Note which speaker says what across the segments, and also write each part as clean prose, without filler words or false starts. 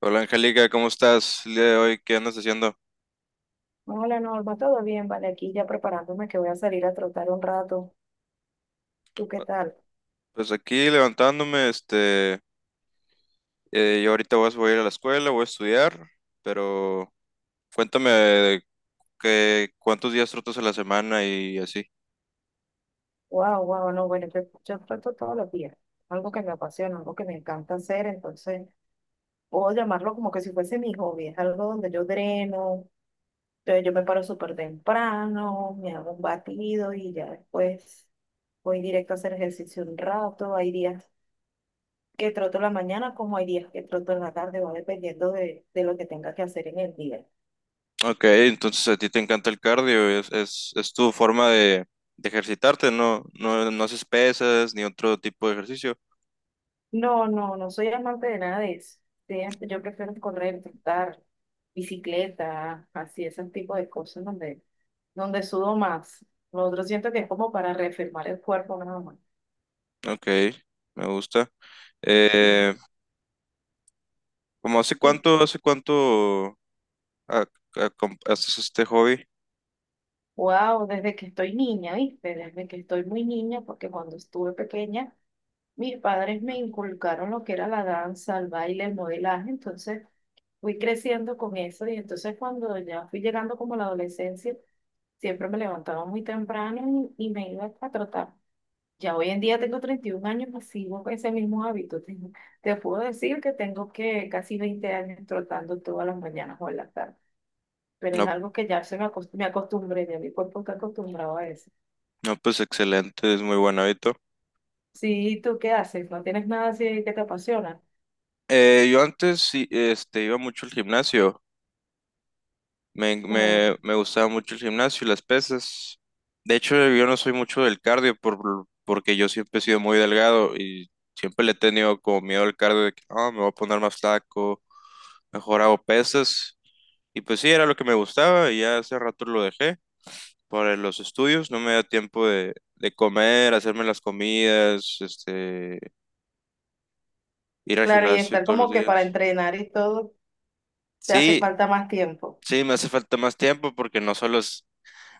Speaker 1: Hola Angélica, ¿cómo estás el día de hoy? ¿Qué andas haciendo?
Speaker 2: Hola Norma, todo bien, vale, aquí ya preparándome que voy a salir a trotar un rato. ¿Tú qué tal?
Speaker 1: Pues aquí levantándome, yo ahorita voy a ir a la escuela, voy a estudiar, pero cuéntame cuántos días trotas a la semana y así.
Speaker 2: Wow, wow, no, bueno, yo troto todos los días, algo que me apasiona, algo que me encanta hacer, entonces puedo llamarlo como que si fuese mi hobby, es algo donde yo dreno, entonces yo me paro súper temprano, me hago un batido y ya después voy directo a hacer ejercicio un rato, hay días que troto en la mañana como hay días que troto en la tarde, va dependiendo de lo que tenga que hacer en el día.
Speaker 1: Ok, entonces a ti te encanta el cardio, es tu forma de ejercitarte, ¿no? No, no haces pesas ni otro tipo de ejercicio.
Speaker 2: No, no, no soy amante de nada de eso. Sí, yo prefiero correr, trotar, bicicleta, así, ese tipo de cosas donde sudo más. Lo otro siento que es como para reafirmar el cuerpo nada más.
Speaker 1: Ok, me gusta.
Speaker 2: Sí.
Speaker 1: Eh, ¿Cómo
Speaker 2: Y
Speaker 1: hace cuánto ah, haces este hobby?
Speaker 2: wow, desde que estoy niña, ¿viste? Desde que estoy muy niña, porque cuando estuve pequeña, mis padres me inculcaron lo que era la danza, el baile, el modelaje, entonces fui creciendo con eso y entonces cuando ya fui llegando como a la adolescencia, siempre me levantaba muy temprano y me iba a trotar. Ya hoy en día tengo 31 años, pues sigo con ese mismo hábito. Te puedo decir que tengo que casi 20 años trotando todas las mañanas o en la tarde, pero es
Speaker 1: No,
Speaker 2: algo que ya me acostumbré, ya mi cuerpo está acostumbrado a eso.
Speaker 1: no, pues excelente, es muy buen hábito.
Speaker 2: Sí, ¿y tú qué haces? ¿No tienes nada así que te apasiona?
Speaker 1: Yo antes sí, este, iba mucho al gimnasio,
Speaker 2: Claro,
Speaker 1: me gustaba mucho el gimnasio y las pesas. De hecho, yo no soy mucho del cardio porque yo siempre he sido muy delgado y siempre le he tenido como miedo al cardio de que "Ah, me voy a poner más flaco, mejor hago pesas". Y pues sí, era lo que me gustaba y ya hace rato lo dejé para los estudios, no me da tiempo de comer, hacerme las comidas, este, ir al
Speaker 2: claro, y
Speaker 1: gimnasio
Speaker 2: estar
Speaker 1: todos los
Speaker 2: como que para
Speaker 1: días.
Speaker 2: entrenar y todo, te hace
Speaker 1: Sí,
Speaker 2: falta más tiempo.
Speaker 1: sí, me hace falta más tiempo porque no solo es,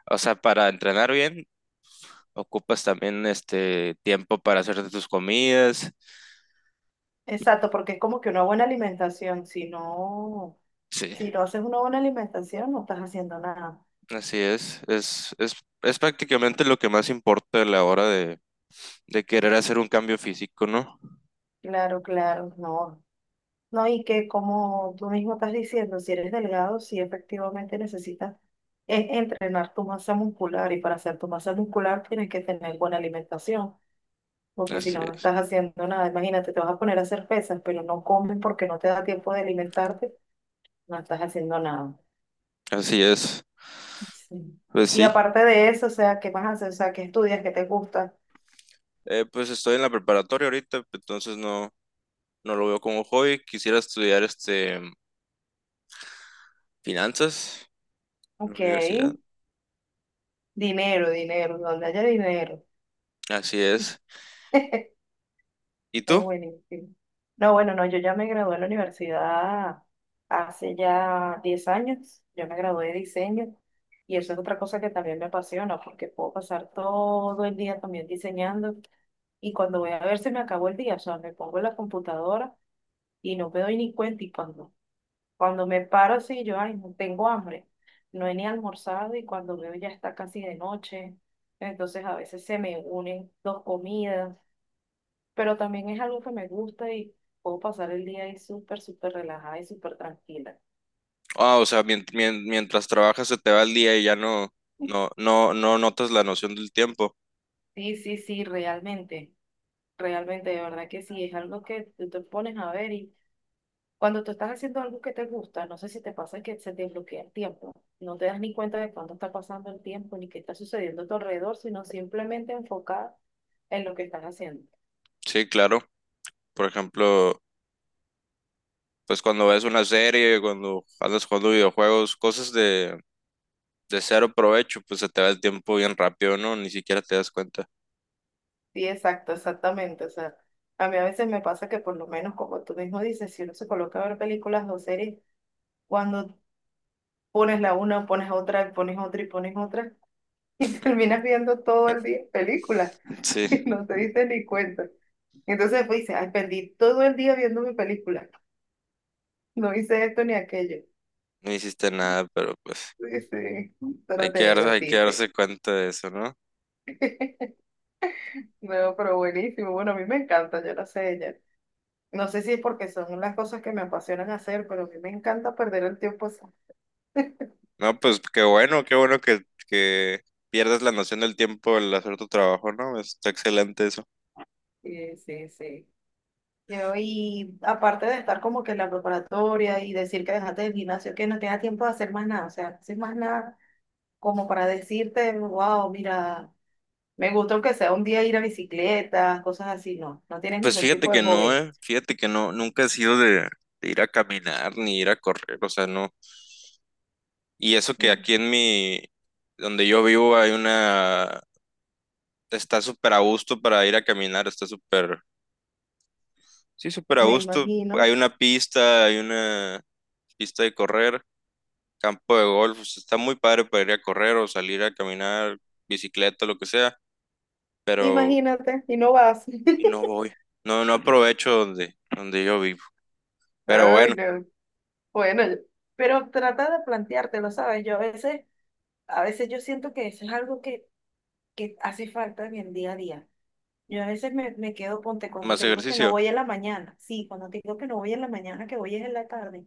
Speaker 1: o sea, para entrenar bien, ocupas también este tiempo para hacerte tus comidas.
Speaker 2: Exacto, porque es como que una buena alimentación, si no,
Speaker 1: Sí,
Speaker 2: si no haces una buena alimentación, no estás haciendo nada.
Speaker 1: así es. Es prácticamente lo que más importa a la hora de querer hacer un cambio físico, ¿no?
Speaker 2: Claro, claro, no. No, y que como tú mismo estás diciendo, si eres delgado, sí efectivamente necesitas entrenar tu masa muscular y para hacer tu masa muscular tienes que tener buena alimentación, porque si
Speaker 1: Así
Speaker 2: no, no
Speaker 1: es.
Speaker 2: estás haciendo nada. Imagínate, te vas a poner a hacer pesas, pero no comes porque no te da tiempo de alimentarte, no estás haciendo nada.
Speaker 1: Así es.
Speaker 2: Sí.
Speaker 1: Pues
Speaker 2: Y
Speaker 1: sí.
Speaker 2: aparte de eso, o sea, ¿qué más haces? O sea, ¿qué estudias? ¿Qué te gusta?
Speaker 1: Pues estoy en la preparatoria ahorita, entonces no, no lo veo como hobby. Quisiera estudiar este finanzas en la
Speaker 2: Ok,
Speaker 1: universidad.
Speaker 2: dinero, dinero, donde haya dinero.
Speaker 1: Así es. ¿Y
Speaker 2: No,
Speaker 1: tú?
Speaker 2: buenísimo. No, bueno, no, yo ya me gradué en la universidad hace ya 10 años. Yo me gradué de diseño y eso es otra cosa que también me apasiona porque puedo pasar todo el día también diseñando y cuando voy a ver se me acabó el día, o sea, me pongo en la computadora y no me doy ni cuenta y cuando me paro así, yo, ay, no tengo hambre, no he ni almorzado y cuando veo ya está casi de noche, entonces a veces se me unen dos comidas pero también es algo que me gusta y puedo pasar el día ahí súper, súper relajada y súper tranquila.
Speaker 1: Ah, o sea, mientras trabajas se te va el día y ya no notas la noción del tiempo.
Speaker 2: Sí, sí, sí, realmente, de verdad que sí, es algo que tú te pones a ver y cuando tú estás haciendo algo que te gusta, no sé si te pasa que se te bloquea el tiempo, no te das ni cuenta de cuándo está pasando el tiempo ni qué está sucediendo a tu alrededor, sino simplemente enfocada en lo que estás haciendo.
Speaker 1: Sí, claro. Por ejemplo, pues cuando ves una serie, cuando andas jugando videojuegos, cosas de cero provecho, pues se te va el tiempo bien rápido, ¿no? Ni siquiera te das cuenta.
Speaker 2: Sí, exacto, exactamente, o sea, a mí a veces me pasa que por lo menos como tú mismo dices, si uno se coloca a ver películas o series, cuando pones la una, pones otra, y pones otra y pones otra, y terminas viendo todo el día películas
Speaker 1: Sí,
Speaker 2: y no te dices ni cuenta. Entonces pues dices, ay, perdí todo el día viendo mi película, no hice esto ni aquello.
Speaker 1: no hiciste nada, pero pues
Speaker 2: Sí, sí, pero te
Speaker 1: hay que
Speaker 2: divertiste.
Speaker 1: darse cuenta de eso, ¿no?
Speaker 2: No, pero buenísimo, bueno, a mí me encanta, yo lo sé, ya. No sé si es porque son las cosas que me apasionan hacer, pero a mí me encanta perder el tiempo así.
Speaker 1: No, pues qué bueno que pierdas la noción del tiempo al hacer tu trabajo, ¿no? Está excelente eso.
Speaker 2: Sí, sí, sí. Yo, y aparte de estar como que en la preparatoria y decir que dejaste el gimnasio, que no tenía tiempo de hacer más nada, o sea, no haces más nada como para decirte, wow, mira, me gusta aunque sea un día ir a bicicleta, cosas así, no, no tienes
Speaker 1: Pues
Speaker 2: ningún
Speaker 1: fíjate
Speaker 2: tipo de
Speaker 1: que no,
Speaker 2: hobby.
Speaker 1: eh. Fíjate que no, nunca he sido de ir a caminar ni ir a correr, o sea, no. Y eso que
Speaker 2: Mm,
Speaker 1: aquí en mi, donde yo vivo hay una, está súper a gusto para ir a caminar, está súper, sí, súper a
Speaker 2: me
Speaker 1: gusto.
Speaker 2: imagino,
Speaker 1: Hay una pista de correr, campo de golf, o sea, está muy padre para ir a correr o salir a caminar, bicicleta, lo que sea, pero
Speaker 2: imagínate, y no vas.
Speaker 1: no voy. No, no aprovecho donde, donde yo vivo. Pero bueno,
Speaker 2: Ay, no. Bueno, pero trata de planteártelo, ¿sabes? Yo a veces yo siento que eso es algo que hace falta en el día a día. Yo a veces me quedo, ponte, cuando
Speaker 1: más
Speaker 2: te digo que no
Speaker 1: ejercicio,
Speaker 2: voy en la mañana, sí, cuando te digo que no voy en la mañana, que voy es en la tarde,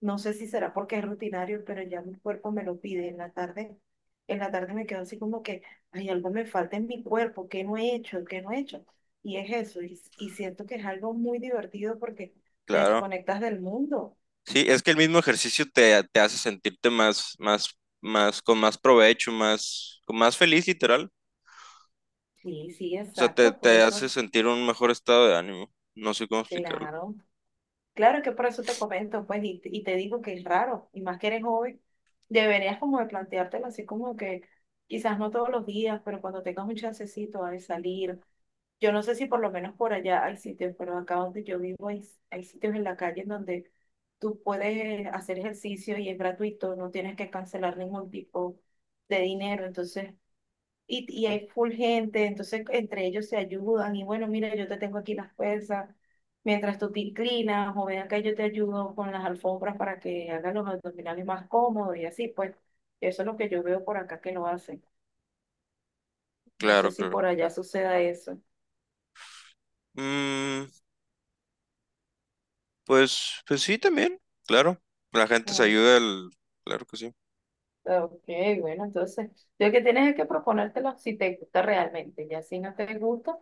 Speaker 2: no sé si será porque es rutinario, pero ya mi cuerpo me lo pide en la tarde me quedo así como que, ay algo me falta en mi cuerpo, ¿qué no he hecho? ¿Qué no he hecho? Y es eso, y siento que es algo muy divertido porque te
Speaker 1: claro.
Speaker 2: desconectas del mundo.
Speaker 1: Sí, es que el mismo ejercicio te, te hace sentirte más, más, más, con más provecho, más, con más feliz, literal.
Speaker 2: Sí, sí,
Speaker 1: O sea, te,
Speaker 2: exacto, por
Speaker 1: te
Speaker 2: eso,
Speaker 1: hace sentir un mejor estado de ánimo. No sé cómo explicarlo.
Speaker 2: claro. Claro, es que por eso te comento, pues, y te digo que es raro, y más que eres joven, deberías como de planteártelo así como que quizás no todos los días, pero cuando tengas un chancecito de salir, yo no sé si por lo menos por allá hay sitios, pero acá donde yo vivo hay, hay sitios en la calle en donde tú puedes hacer ejercicio y es gratuito, no tienes que cancelar ningún tipo de dinero, entonces y
Speaker 1: Ujú.
Speaker 2: hay full gente, entonces entre ellos se ayudan y bueno, mira, yo te tengo aquí las pesas, mientras tú te inclinas o ven acá, yo te ayudo con las alfombras para que hagan los abdominales más cómodos y así, pues eso es lo que yo veo por acá que lo hacen. No
Speaker 1: Claro,
Speaker 2: sé si
Speaker 1: claro.
Speaker 2: por allá suceda eso.
Speaker 1: Mm, pues, pues sí, también, claro. La gente se
Speaker 2: Mm,
Speaker 1: ayuda, el- claro que sí.
Speaker 2: ok, bueno, entonces lo que tienes es que proponértelo si te gusta realmente, ya si no te gusta,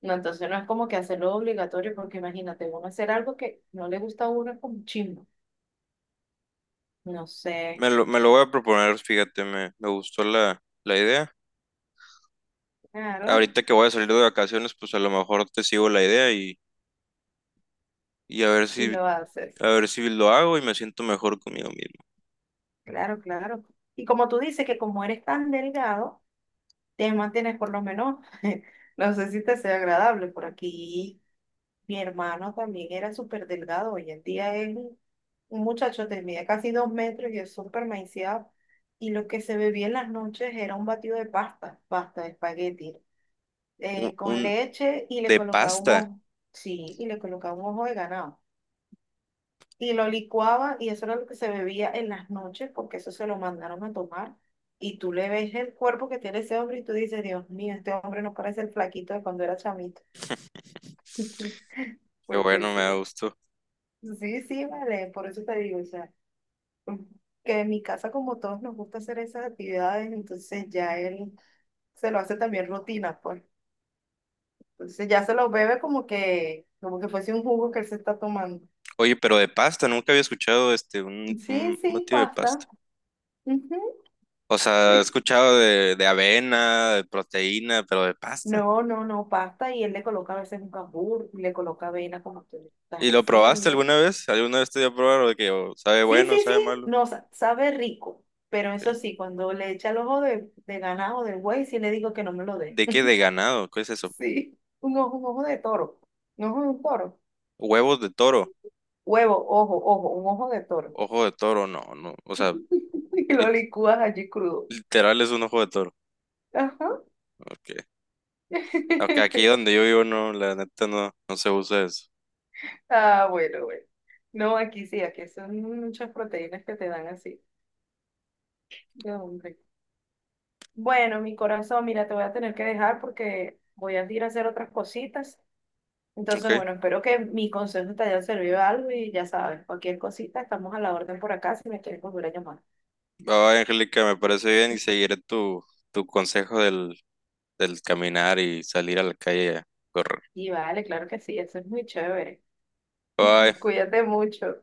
Speaker 2: no, entonces no es como que hacerlo obligatorio, porque imagínate, uno hacer algo que no le gusta a uno es como chimbo, no sé,
Speaker 1: Me lo voy a proponer, fíjate, me gustó la idea.
Speaker 2: claro.
Speaker 1: Ahorita que voy a salir de vacaciones, pues a lo mejor te sigo la idea y
Speaker 2: Y lo haces.
Speaker 1: a ver si lo hago y me siento mejor conmigo mismo.
Speaker 2: Claro, claro. Y como tú dices que como eres tan delgado, te mantienes por lo menos, no sé si te sea agradable. Por aquí mi hermano también era súper delgado. Hoy en día es un muchacho de mide casi 2 metros y es súper maiciado. Y lo que se bebía en las noches era un batido de pasta, pasta de espagueti,
Speaker 1: Un, un,
Speaker 2: con leche y le
Speaker 1: De
Speaker 2: colocaba un
Speaker 1: pasta.
Speaker 2: ojo. Sí, y le colocaba un ojo de ganado, y lo licuaba y eso era lo que se bebía en las noches porque eso se lo mandaron a tomar. Y tú le ves el cuerpo que tiene ese hombre y tú dices, Dios mío, este hombre no parece el flaquito de cuando era chamito.
Speaker 1: Qué
Speaker 2: Porque
Speaker 1: bueno, me da
Speaker 2: sí,
Speaker 1: gusto.
Speaker 2: sí, sí, vale, por eso te digo, o sea, que en mi casa como todos nos gusta hacer esas actividades, entonces ya él se lo hace también rutina, pues. Entonces ya se lo bebe como que fuese un jugo que él se está tomando.
Speaker 1: Oye, pero de pasta, nunca había escuchado este
Speaker 2: Sí,
Speaker 1: un
Speaker 2: sí,
Speaker 1: batido de pasta.
Speaker 2: pasta. Ujú,
Speaker 1: O sea, he
Speaker 2: sí.
Speaker 1: escuchado de avena, de proteína, pero de pasta.
Speaker 2: No, no, no, pasta y él le coloca a veces un cambur, le coloca avena como tú estás
Speaker 1: ¿Y lo probaste
Speaker 2: diciendo.
Speaker 1: alguna vez? ¿Alguna vez te dio a probar o de que o sabe
Speaker 2: Sí,
Speaker 1: bueno,
Speaker 2: sí,
Speaker 1: sabe
Speaker 2: sí,
Speaker 1: malo?
Speaker 2: no, sabe rico, pero
Speaker 1: ¿Qué?
Speaker 2: eso sí, cuando le echa el ojo de ganado, de buey, sí le digo que no me lo dé.
Speaker 1: ¿De qué? ¿De ganado? ¿Qué es eso?
Speaker 2: Sí, un ojo de toro, un ojo de un toro,
Speaker 1: ¿Huevos de toro?
Speaker 2: ojo, un ojo de toro.
Speaker 1: ¿Ojo de toro? No, no. O sea,
Speaker 2: Y lo
Speaker 1: li-
Speaker 2: licúas allí crudo.
Speaker 1: literal es un ojo de toro.
Speaker 2: Ajá.
Speaker 1: Ok. Aunque aquí donde yo vivo no, la neta no, no se usa eso.
Speaker 2: Ah, bueno, bueno. No, aquí sí, aquí son muchas proteínas que te dan así. No, hombre. Bueno, mi corazón, mira, te voy a tener que dejar porque voy a ir a hacer otras cositas. Entonces,
Speaker 1: Ok.
Speaker 2: bueno, espero que mi consejo te haya servido algo y ya sabes, cualquier cosita, estamos a la orden por acá si me quieres volver a llamar.
Speaker 1: Va, Angélica, me parece bien y seguiré tu, tu consejo del, del caminar y salir a la calle a correr.
Speaker 2: Y vale, claro que sí, eso es muy chévere.
Speaker 1: Bye.
Speaker 2: Cuídate mucho.